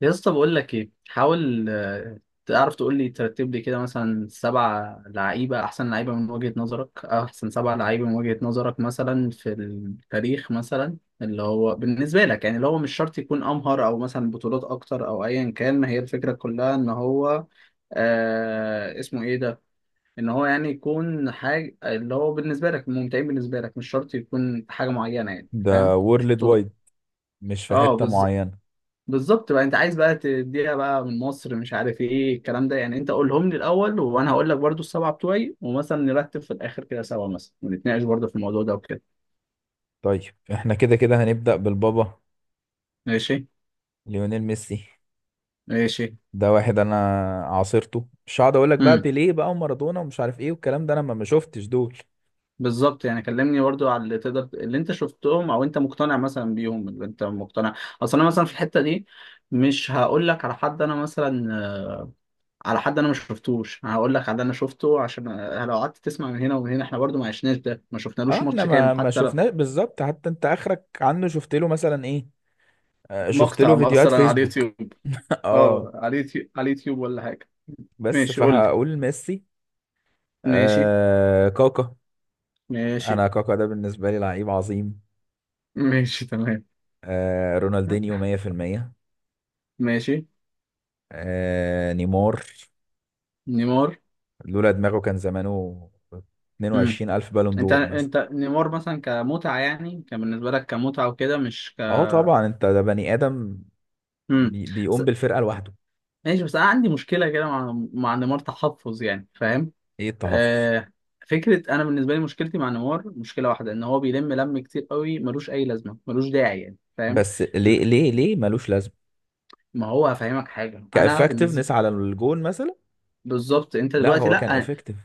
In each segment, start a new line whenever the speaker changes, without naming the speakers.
يا اسطى بقول لك ايه، حاول تعرف تقول لي، ترتب لي كده مثلا سبع لعيبه، احسن لعيبه من وجهه نظرك، أو احسن سبع لعيبه من وجهه نظرك مثلا في التاريخ مثلا، اللي هو بالنسبه لك يعني، اللي هو مش شرط يكون امهر او مثلا بطولات اكتر او ايا كان، هي الفكره كلها ان هو اسمه ايه ده، ان هو يعني يكون حاجه اللي هو بالنسبه لك ممتعين، بالنسبه لك مش شرط يكون حاجه معينه يعني، فاهم؟
ده
مش
وورلد وايد.
بطوله.
مش في
اه،
حتة معينة.
بالظبط. بقى انت عايز بقى تديها بقى من مصر، مش عارف ايه الكلام ده يعني، انت قولهم لي الاول وانا هقول لك برضو السبعه بتوعي، ومثلا نرتب في الاخر كده سوا مثلا، ونتناقش برضو في الموضوع ده وكده.
طيب، احنا كده كده هنبدأ بالبابا
ماشي.
ليونيل ميسي.
ماشي.
ده واحد انا عاصرته، مش هقعد اقول لك بقى
امم
بيليه بقى ومارادونا ومش عارف ايه والكلام ده، انا ما شفتش دول.
بالظبط، يعني كلمني برضو على اللي تقدر، اللي انت شفتهم او انت مقتنع مثلا بيهم، اللي انت مقتنع. اصل انا مثلا في الحته دي مش هقول لك على حد انا مثلا على حد انا ما شفتوش، أنا هقول لك على اللي انا شفته، عشان لو قعدت تسمع من هنا ومن هنا، احنا برضو ما عشناش ده، ما
اه،
شفنالوش
احنا
ماتش
ما
كامل،
ما
حتى لو
شفناه بالظبط. حتى انت اخرك عنه شفت له مثلا ايه؟ آه، شفت
مقطع
له فيديوهات
مثلا على
فيسبوك.
اليوتيوب.
اه،
اه، على اليوتيوب، على اليوتيوب ولا حاجة.
بس
ماشي، قول لي.
فهقول ميسي.
ماشي.
آه كاكا.
ماشي.
انا كاكا ده بالنسبة لي لعيب عظيم.
ماشي تمام.
آه رونالدينيو 100%.
ماشي.
آه نيمار،
نيمار.
لولا دماغه كان زمانه
امم
22 ألف بالون
انت
دور مثلا.
انت نيمار مثلا كمتعة يعني، كان بالنسبة لك كمتعة وكده، مش ك.
اه طبعا، انت ده بني آدم.
امم
بي
بس،
بيقوم بالفرقة لوحده.
ماشي، بس انا عندي مشكلة كده مع نيمار، تحفظ يعني، فاهم؟
ايه التحفظ؟
آه... فكرة، انا بالنسبة لي مشكلتي مع نيمار مشكلة واحدة، ان هو بيلم لم كتير قوي، ملوش اي لازمة، ملوش داعي يعني، فاهم؟
بس
ل-
ليه ليه ليه ملوش لازمة؟
ما هو هفهمك حاجة، انا
كإفكتفنس
بالنسبة،
على الجون مثلا.
بالظبط، انت
لا
دلوقتي،
هو كان
لا
إفكتيف.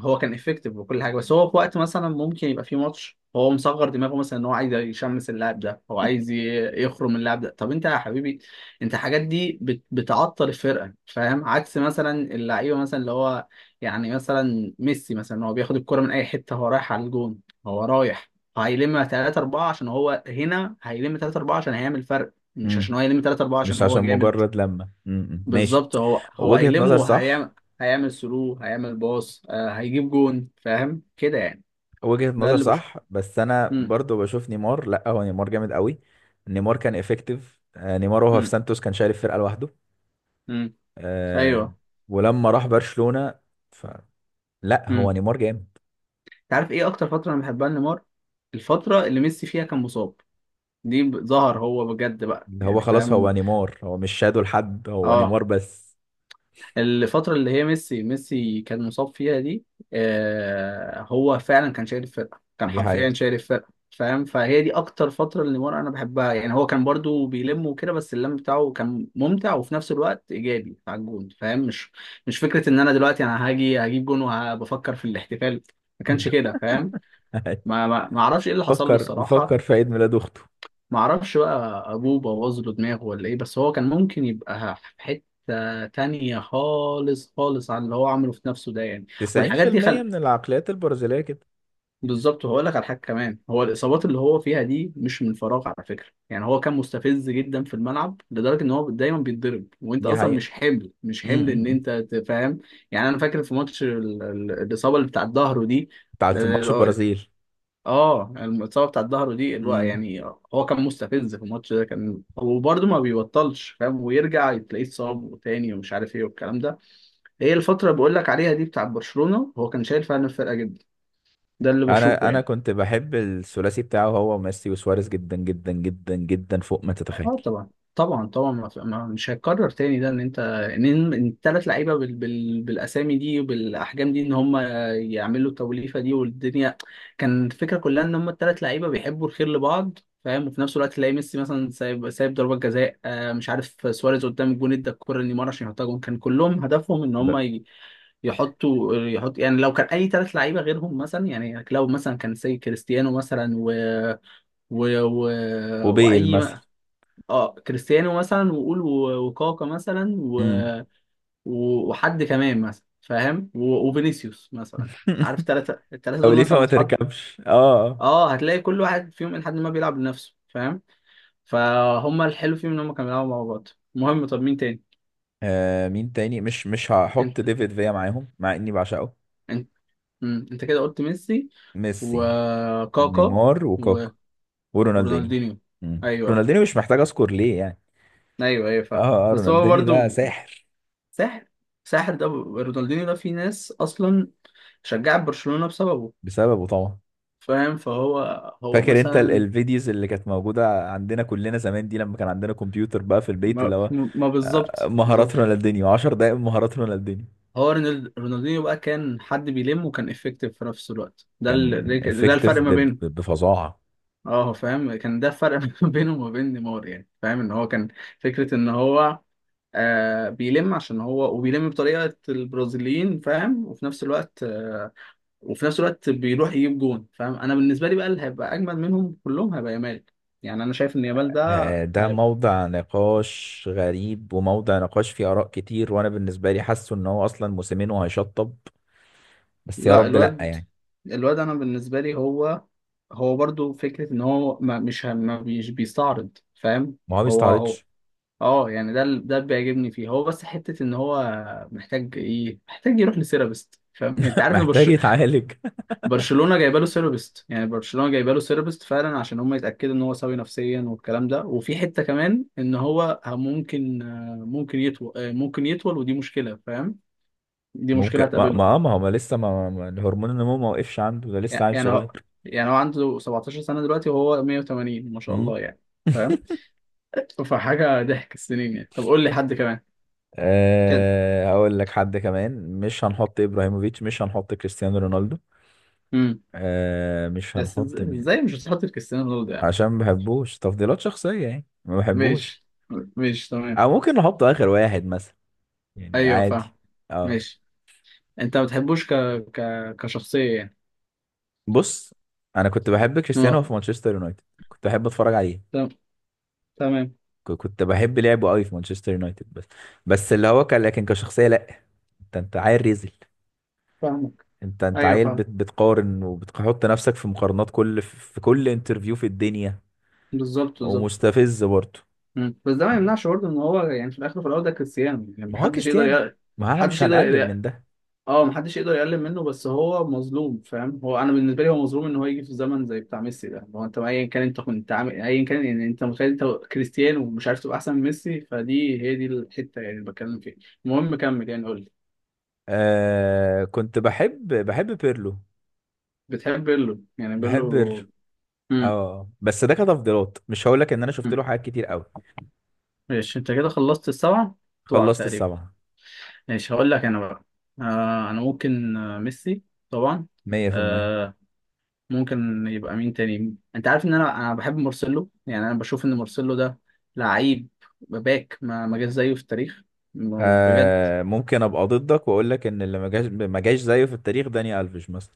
هو كان افكتيف وكل حاجه، بس هو في وقت مثلا ممكن يبقى في ماتش هو مصغر دماغه مثلا، ان هو عايز يشمس اللاعب ده، هو عايز يخرم اللاعب ده. طب انت يا حبيبي، انت الحاجات دي بتعطل الفرقه، فاهم؟ عكس مثلا اللعيبه مثلا اللي هو، يعني مثلا ميسي مثلا، هو بياخد الكرة من اي حته، هو رايح على الجون، هو رايح، هيلم 3 4 عشان هو هنا، هيلم 3 4 عشان هيعمل فرق، مش
امم،
عشان هو يلم 3 4 عشان
مش
هو
عشان
جامد.
مجرد لما امم، ماشي.
بالظبط. هو
وجهة
هيلم
نظر صح.
وهيعمل، هيعمل ثرو، هيعمل باص، هيجيب جون، فاهم كده يعني؟
وجهة
ده
نظر
اللي بشوفه.
صح، بس انا
امم
برضو بشوف نيمار. لا هو نيمار جامد قوي. نيمار كان إفكتيف، آه، نيمار وهو في
امم
سانتوس كان شايل الفرقة لوحده.
امم
آه،
ايوه.
ولما راح برشلونة ف... لا هو
امم
نيمار جامد.
انت عارف ايه اكتر فتره انا بحبها لنيمار؟ الفتره اللي ميسي فيها كان مصاب، دي ظهر هو بجد بقى،
ده هو
يعني
خلاص، هو
فاهم؟
نيمار، هو مش شادو لحد، هو
اه،
نيمار بس.
الفترة اللي هي ميسي كان مصاب فيها دي، هو فعلا كان شايل الفرقة، كان
دي
حرفيا
حقيقة.
شايل الفرقة، فاهم؟ فهي دي أكتر فترة اللي نيمار أنا بحبها يعني، هو كان برضو بيلم وكده، بس اللم بتاعه كان ممتع وفي نفس الوقت إيجابي على الجون، فاهم؟ مش، مش فكرة إن أنا دلوقتي أنا هاجي هجيب جون وبفكر في الاحتفال، ما كانش كده، فاهم؟ ما أعرفش إيه اللي حصل له
فكر بيفكر
الصراحة.
في عيد ميلاد اخته.
معرفش بقى، ابوه بوظ له دماغه ولا ايه؟ بس هو كان ممكن يبقى في حته تانية خالص، خالص عن اللي هو عمله في نفسه ده يعني، والحاجات دي
90% من العقليات البرازيلية كده.
بالظبط. وهقول لك على حاجه كمان، هو الاصابات اللي هو فيها دي مش من فراغ على فكره، يعني هو كان مستفز جدا في الملعب لدرجه ان هو دايما بيتضرب، وانت
دي
اصلا
حقيقة.
مش حمل، مش حمل ان
امم.
انت تفهم، يعني انا فاكر في ماتش الاصابه اللي بتاع الظهر دي،
بتاعت ماتش
آه،
البرازيل.
اه الاصابه بتاعت ظهره دي الوقت
امم.
يعني، هو كان مستفز في الماتش ده كان، وبرده ما بيبطلش، فاهم؟ ويرجع تلاقيه اتصاب تاني، ومش عارف ايه والكلام ده. هي الفتره اللي بقول لك عليها دي بتاعت برشلونه، هو كان شايل فعلا الفرقه جدا، ده اللي بشوفه
انا
يعني.
كنت بحب الثلاثي بتاعه هو ميسي وسواريز، جدا جدا جدا جدا، فوق ما تتخيل.
اه طبعا، طبعا ما في- ما- مش هيتكرر تاني ده، ان انت ان، إن التلات لعيبه بالاسامي دي وبالاحجام دي، ان هم يعملوا التوليفه دي والدنيا، كان الفكره كلها ان هم التلات لعيبه بيحبوا الخير لبعض، فاهم؟ وفي نفس الوقت تلاقي ميسي مثلا سايب، ضربات جزاء، مش عارف، سواريز قدام الجون ادى الكره لنيمار عشان يحطها جون، كان كلهم هدفهم ان هم
ب-
يحطوا، يحط يعني، لو كان اي تلات لعيبه غيرهم مثلا، يعني لو مثلا كان، سي كريستيانو مثلا و... و...
وبيل مثلا.
واي، اه كريستيانو مثلا، وقول وكاكا مثلا
امم.
وحد كمان مثلا، فاهم؟ وفينيسيوس مثلا، عارف؟ الثلاثه
او
دول
ليفا
مثلا لو
ما
اتحط،
تركبش. اه،
اه هتلاقي كل واحد فيهم لحد ما بيلعب لنفسه، فاهم؟ فهم الحلو فيهم ان هم كانوا بيلعبوا مع بعض. المهم، طب مين تاني؟
آه مين تاني؟ مش هحط
انت
ديفيد فيا معاهم مع اني بعشقه.
انت مم. انت كده قلت ميسي
ميسي،
وكاكا
نيمار
و...
وكاكا ورونالدينيو.
ورونالدينيو.
مم.
ايوه
رونالدينيو مش محتاج اذكر ليه يعني.
ايوه فاهم.
اه اه
بس هو
رونالدينيو ده
برضه
ساحر.
ساحر، ساحر ده، رونالدينيو ده في ناس اصلا شجعت برشلونة بسببه،
بسببه طبعا.
فاهم؟ فهو، هو
فاكر انت
مثلا
الفيديوز اللي كانت موجودة عندنا كلنا زمان دي لما كان عندنا كمبيوتر بقى في البيت
ما,
اللي هو
ما
آه،
بالظبط، بالظبط.
مهارات رونالدينيو، 10 دقايق من مهارات رونالدينيو.
هو رونالدينيو بقى كان حد بيلم وكان افكتيف في نفس الوقت، ده
كان
ده
افكتيف
الفرق ما بينهم.
بفظاعة.
اه فاهم، كان ده الفرق ما بينه وما بين نيمار يعني، فاهم ان هو كان، فكرة ان هو بيلم عشان هو، وبيلم بطريقة البرازيليين، فاهم؟ وفي نفس الوقت بيروح يجيب جون، فاهم؟ انا بالنسبة لي بقى اللي هيبقى اجمل منهم كلهم هيبقى يامال، يعني انا شايف ان يامال ده،
آه، ده موضع نقاش غريب، وموضع نقاش فيه آراء كتير، وأنا بالنسبة لي حاسه إن هو أصلا موسمين وهيشطب. بس يا
لا
رب لأ
الواد،
يعني.
انا بالنسبه لي هو، برضو فكره ان هو ما مش ما مش بيستعرض، فاهم؟
ما هو
هو
بيستعرضش.
اه يعني ده ده اللي بيعجبني فيه هو، بس حته ان هو محتاج ايه؟ محتاج يروح لسيرابيست، فاهم يعني؟ انت عارف ان
محتاج يتعالج.
برشلونه جايبه له سيرابيست، يعني برشلونه جايبه له سيرابيست فعلا عشان هم يتاكدوا ان هو سوي نفسيا والكلام ده، وفي حته كمان ان هو ممكن، ممكن يطول، ممكن يطول، ودي مشكله، فاهم؟ دي مشكله
ممكن
هتقابله،
ما هو ما لسه الهرمون النمو ما وقفش عنده. ده لسه عيل
يعني
صغير.
هو، يعني هو عنده 17 سنة دلوقتي وهو 180 ما شاء
مم.
الله يعني، فاهم؟ فحاجة ضحك السنين يعني. طب قول لي حد كمان. كده.
أه هقول لك حد كمان. مش هنحط ابراهيموفيتش، مش هنحط كريستيانو رونالدو.
امم
أه مش
بس
هنحط مين؟
ازاي مش هتحط في كريستيانو رونالدو يعني؟
عشان ما بحبوش، تفضيلات شخصية يعني، ما بحبوش.
ماشي. ماشي تمام.
او ممكن نحط اخر واحد مثلا، يعني
ايوه
عادي.
فاهم.
اه.
ماشي، انت ما بتحبوش ك... كشخصية يعني؟
بص، انا كنت بحب كريستيانو
اه،
في مانشستر يونايتد. كنت بحب اتفرج عليه.
تم- تمام.
كنت بحب لعبه قوي في مانشستر يونايتد بس. بس اللي هو كان، لكن كشخصيه لا. انت عيل ريزل.
فاهمك.
انت
ايوه
عيل بت
فاهم.
بتقارن وبتحط نفسك في مقارنات كل في كل انترفيو في الدنيا.
بالظبط، بالظبط.
ومستفز برضه.
بس ده ما يمنعش برضه ان هو يعني، في الاخر وفي الاول ده كريستيانو يعني،
ما هو
محدش يقدر
كريستيانو، ما انا مش
محدش
هنقلل
يقدر،
من ده.
اه محدش يقدر يقلل منه، بس هو مظلوم، فاهم؟ انا بالنسبه لي هو مظلوم ان هو يجي في زمن زي بتاع ميسي ده، هو انت ايا كان انت كنت عامل ايا كان يعني، انت متخيل انت كريستيانو ومش عارف تبقى احسن من ميسي؟ فدي هي دي الحته يعني اللي بتكلم فيها. المهم كمل يعني، قول لي.
آه، كنت بحب بيرلو.
بتحب بيرلو يعني؟
بحب بيرلو.
بيرلو. امم
اه بس ده كتفضيلات، مش هقول لك ان انا شفت
أمم.
له حاجات كتير قوي.
ماشي، انت كده خلصت السبعه بتوعك
خلصت
تقريبا.
السبعة.
ماشي، هقول لك انا بقى، انا ممكن ميسي طبعا.
100%.
ممكن يبقى مين تاني؟ انت عارف ان انا بحب مارسيلو، يعني انا بشوف ان مارسيلو ده لعيب باك ما جاش زيه في التاريخ، بجد.
آه ممكن ابقى ضدك واقول لك ان اللي ما جاش ما جاش زيه في التاريخ داني الفيش مثلا.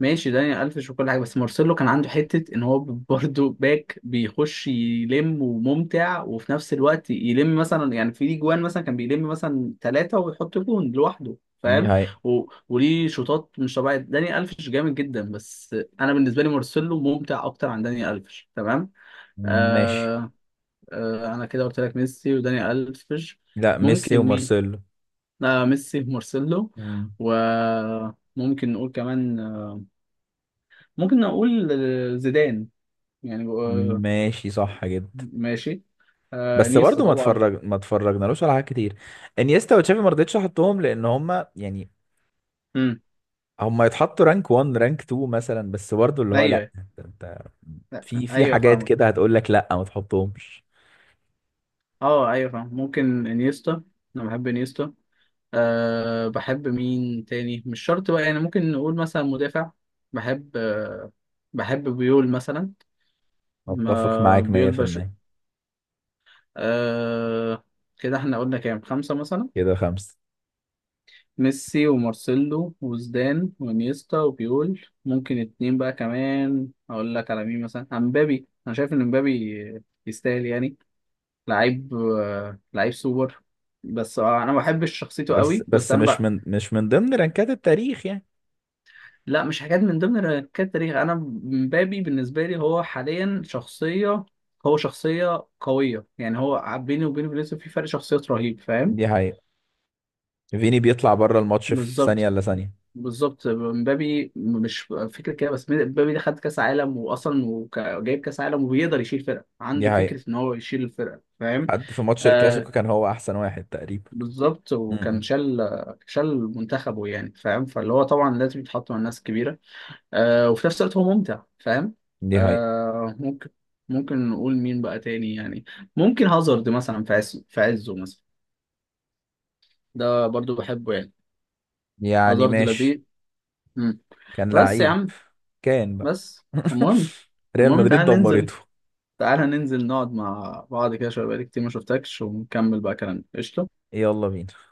ماشي، داني الفيش وكل حاجه، بس مارسيلو كان عنده حته ان هو برضه باك بيخش يلم وممتع وفي نفس الوقت يلم مثلا، يعني في ليه جوان مثلا كان بيلم مثلا ثلاثه ويحط جون لوحده،
دي
فاهم؟
هاي.
وليه شوطات مش طبيعيه. داني الفيش جامد جدا، بس انا بالنسبه لي مارسيلو ممتع اكتر عن داني الفيش، تمام؟
ماشي.
آه، انا كده قلت لك ميسي وداني الفيش.
لا، ميسي
ممكن مين؟
ومارسيلو.
لا، ميسي مارسيلو.
مم.
وممكن نقول كمان، ممكن نقول زيدان يعني،
ماشي، صح جدا.
ماشي.
بس
انيستا
برضه
طبعا.
ما اتفرجنالوش على حاجات كتير. انيستا وتشافي ما رضيتش احطهم لان هم يعني
امم
هم يتحطوا رانك 1 رانك 2 مثلا. بس برضه اللي هو لا،
ايوه.
انت
لأ،
في
ايوه
حاجات كده
فاهمك.
هتقول لك لا ما تحطهمش.
اه ايوه فاهم. ممكن انيستا، انا بحب انيستا. أه، بحب مين تاني مش شرط بقى يعني؟ ممكن نقول مثلا مدافع. بحب أه، بحب بيول مثلا،
اتفق
ما
معاك
بيول
100%.
آه. كده احنا قلنا كام، خمسة مثلا:
كده خمسة.
ميسي ومارسيلو وزدان وانيستا وبيول. ممكن اتنين بقى كمان، اقول لك على مين مثلا؟ عن مبابي، انا شايف ان مبابي يستاهل يعني، لعيب، لعيب سوبر، بس انا ما بحبش شخصيته
بس
قوي، بس
بس
انا
مش
بقى.
من مش من ضمن رانكات التاريخ يعني.
لا، مش حاجات من ضمن الحاجات التاريخ انا، مبابي بالنسبة لي هو حاليا شخصية، هو شخصية قوية يعني، هو بيني وبين فينيسيوس في فرق شخصيات رهيب، فاهم؟
دي حقيقة. فيني بيطلع بره الماتش في ثانية
بالظبط،
إلا ثانية.
بالظبط، مبابي مش فكره كده، بس مبابي ده خد كاس عالم واصلا جايب كاس عالم، وبيقدر يشيل فرقه،
دي
عنده
حقيقة.
فكره ان هو يشيل الفرقه، فاهم؟
حد في ماتش
آه
الكلاسيكو كان هو أحسن واحد تقريبا.
بالظبط، وكان
امم.
شال، منتخبه يعني، فاهم؟ فاللي هو طبعا لازم يتحط مع الناس كبيره، وفي نفس الوقت هو ممتع، فاهم؟
دي حقيقة.
ممكن، ممكن نقول مين بقى تاني يعني؟ ممكن هازارد مثلا، في عز، في عزه مثلا، ده برضو بحبه يعني،
يعني
هازارد
ماشي.
لذيذ. مم.
كان
بس يا
لعيب.
عم،
كان بقى.
بس المهم،
ريال
المهم
مدريد
تعالى ننزل،
دمرته.
تعالى ننزل نقعد مع بعض كده شوية، بقالي كتير ما شفتكش، ونكمل بقى كلامنا. قشطة.
يلا بينا.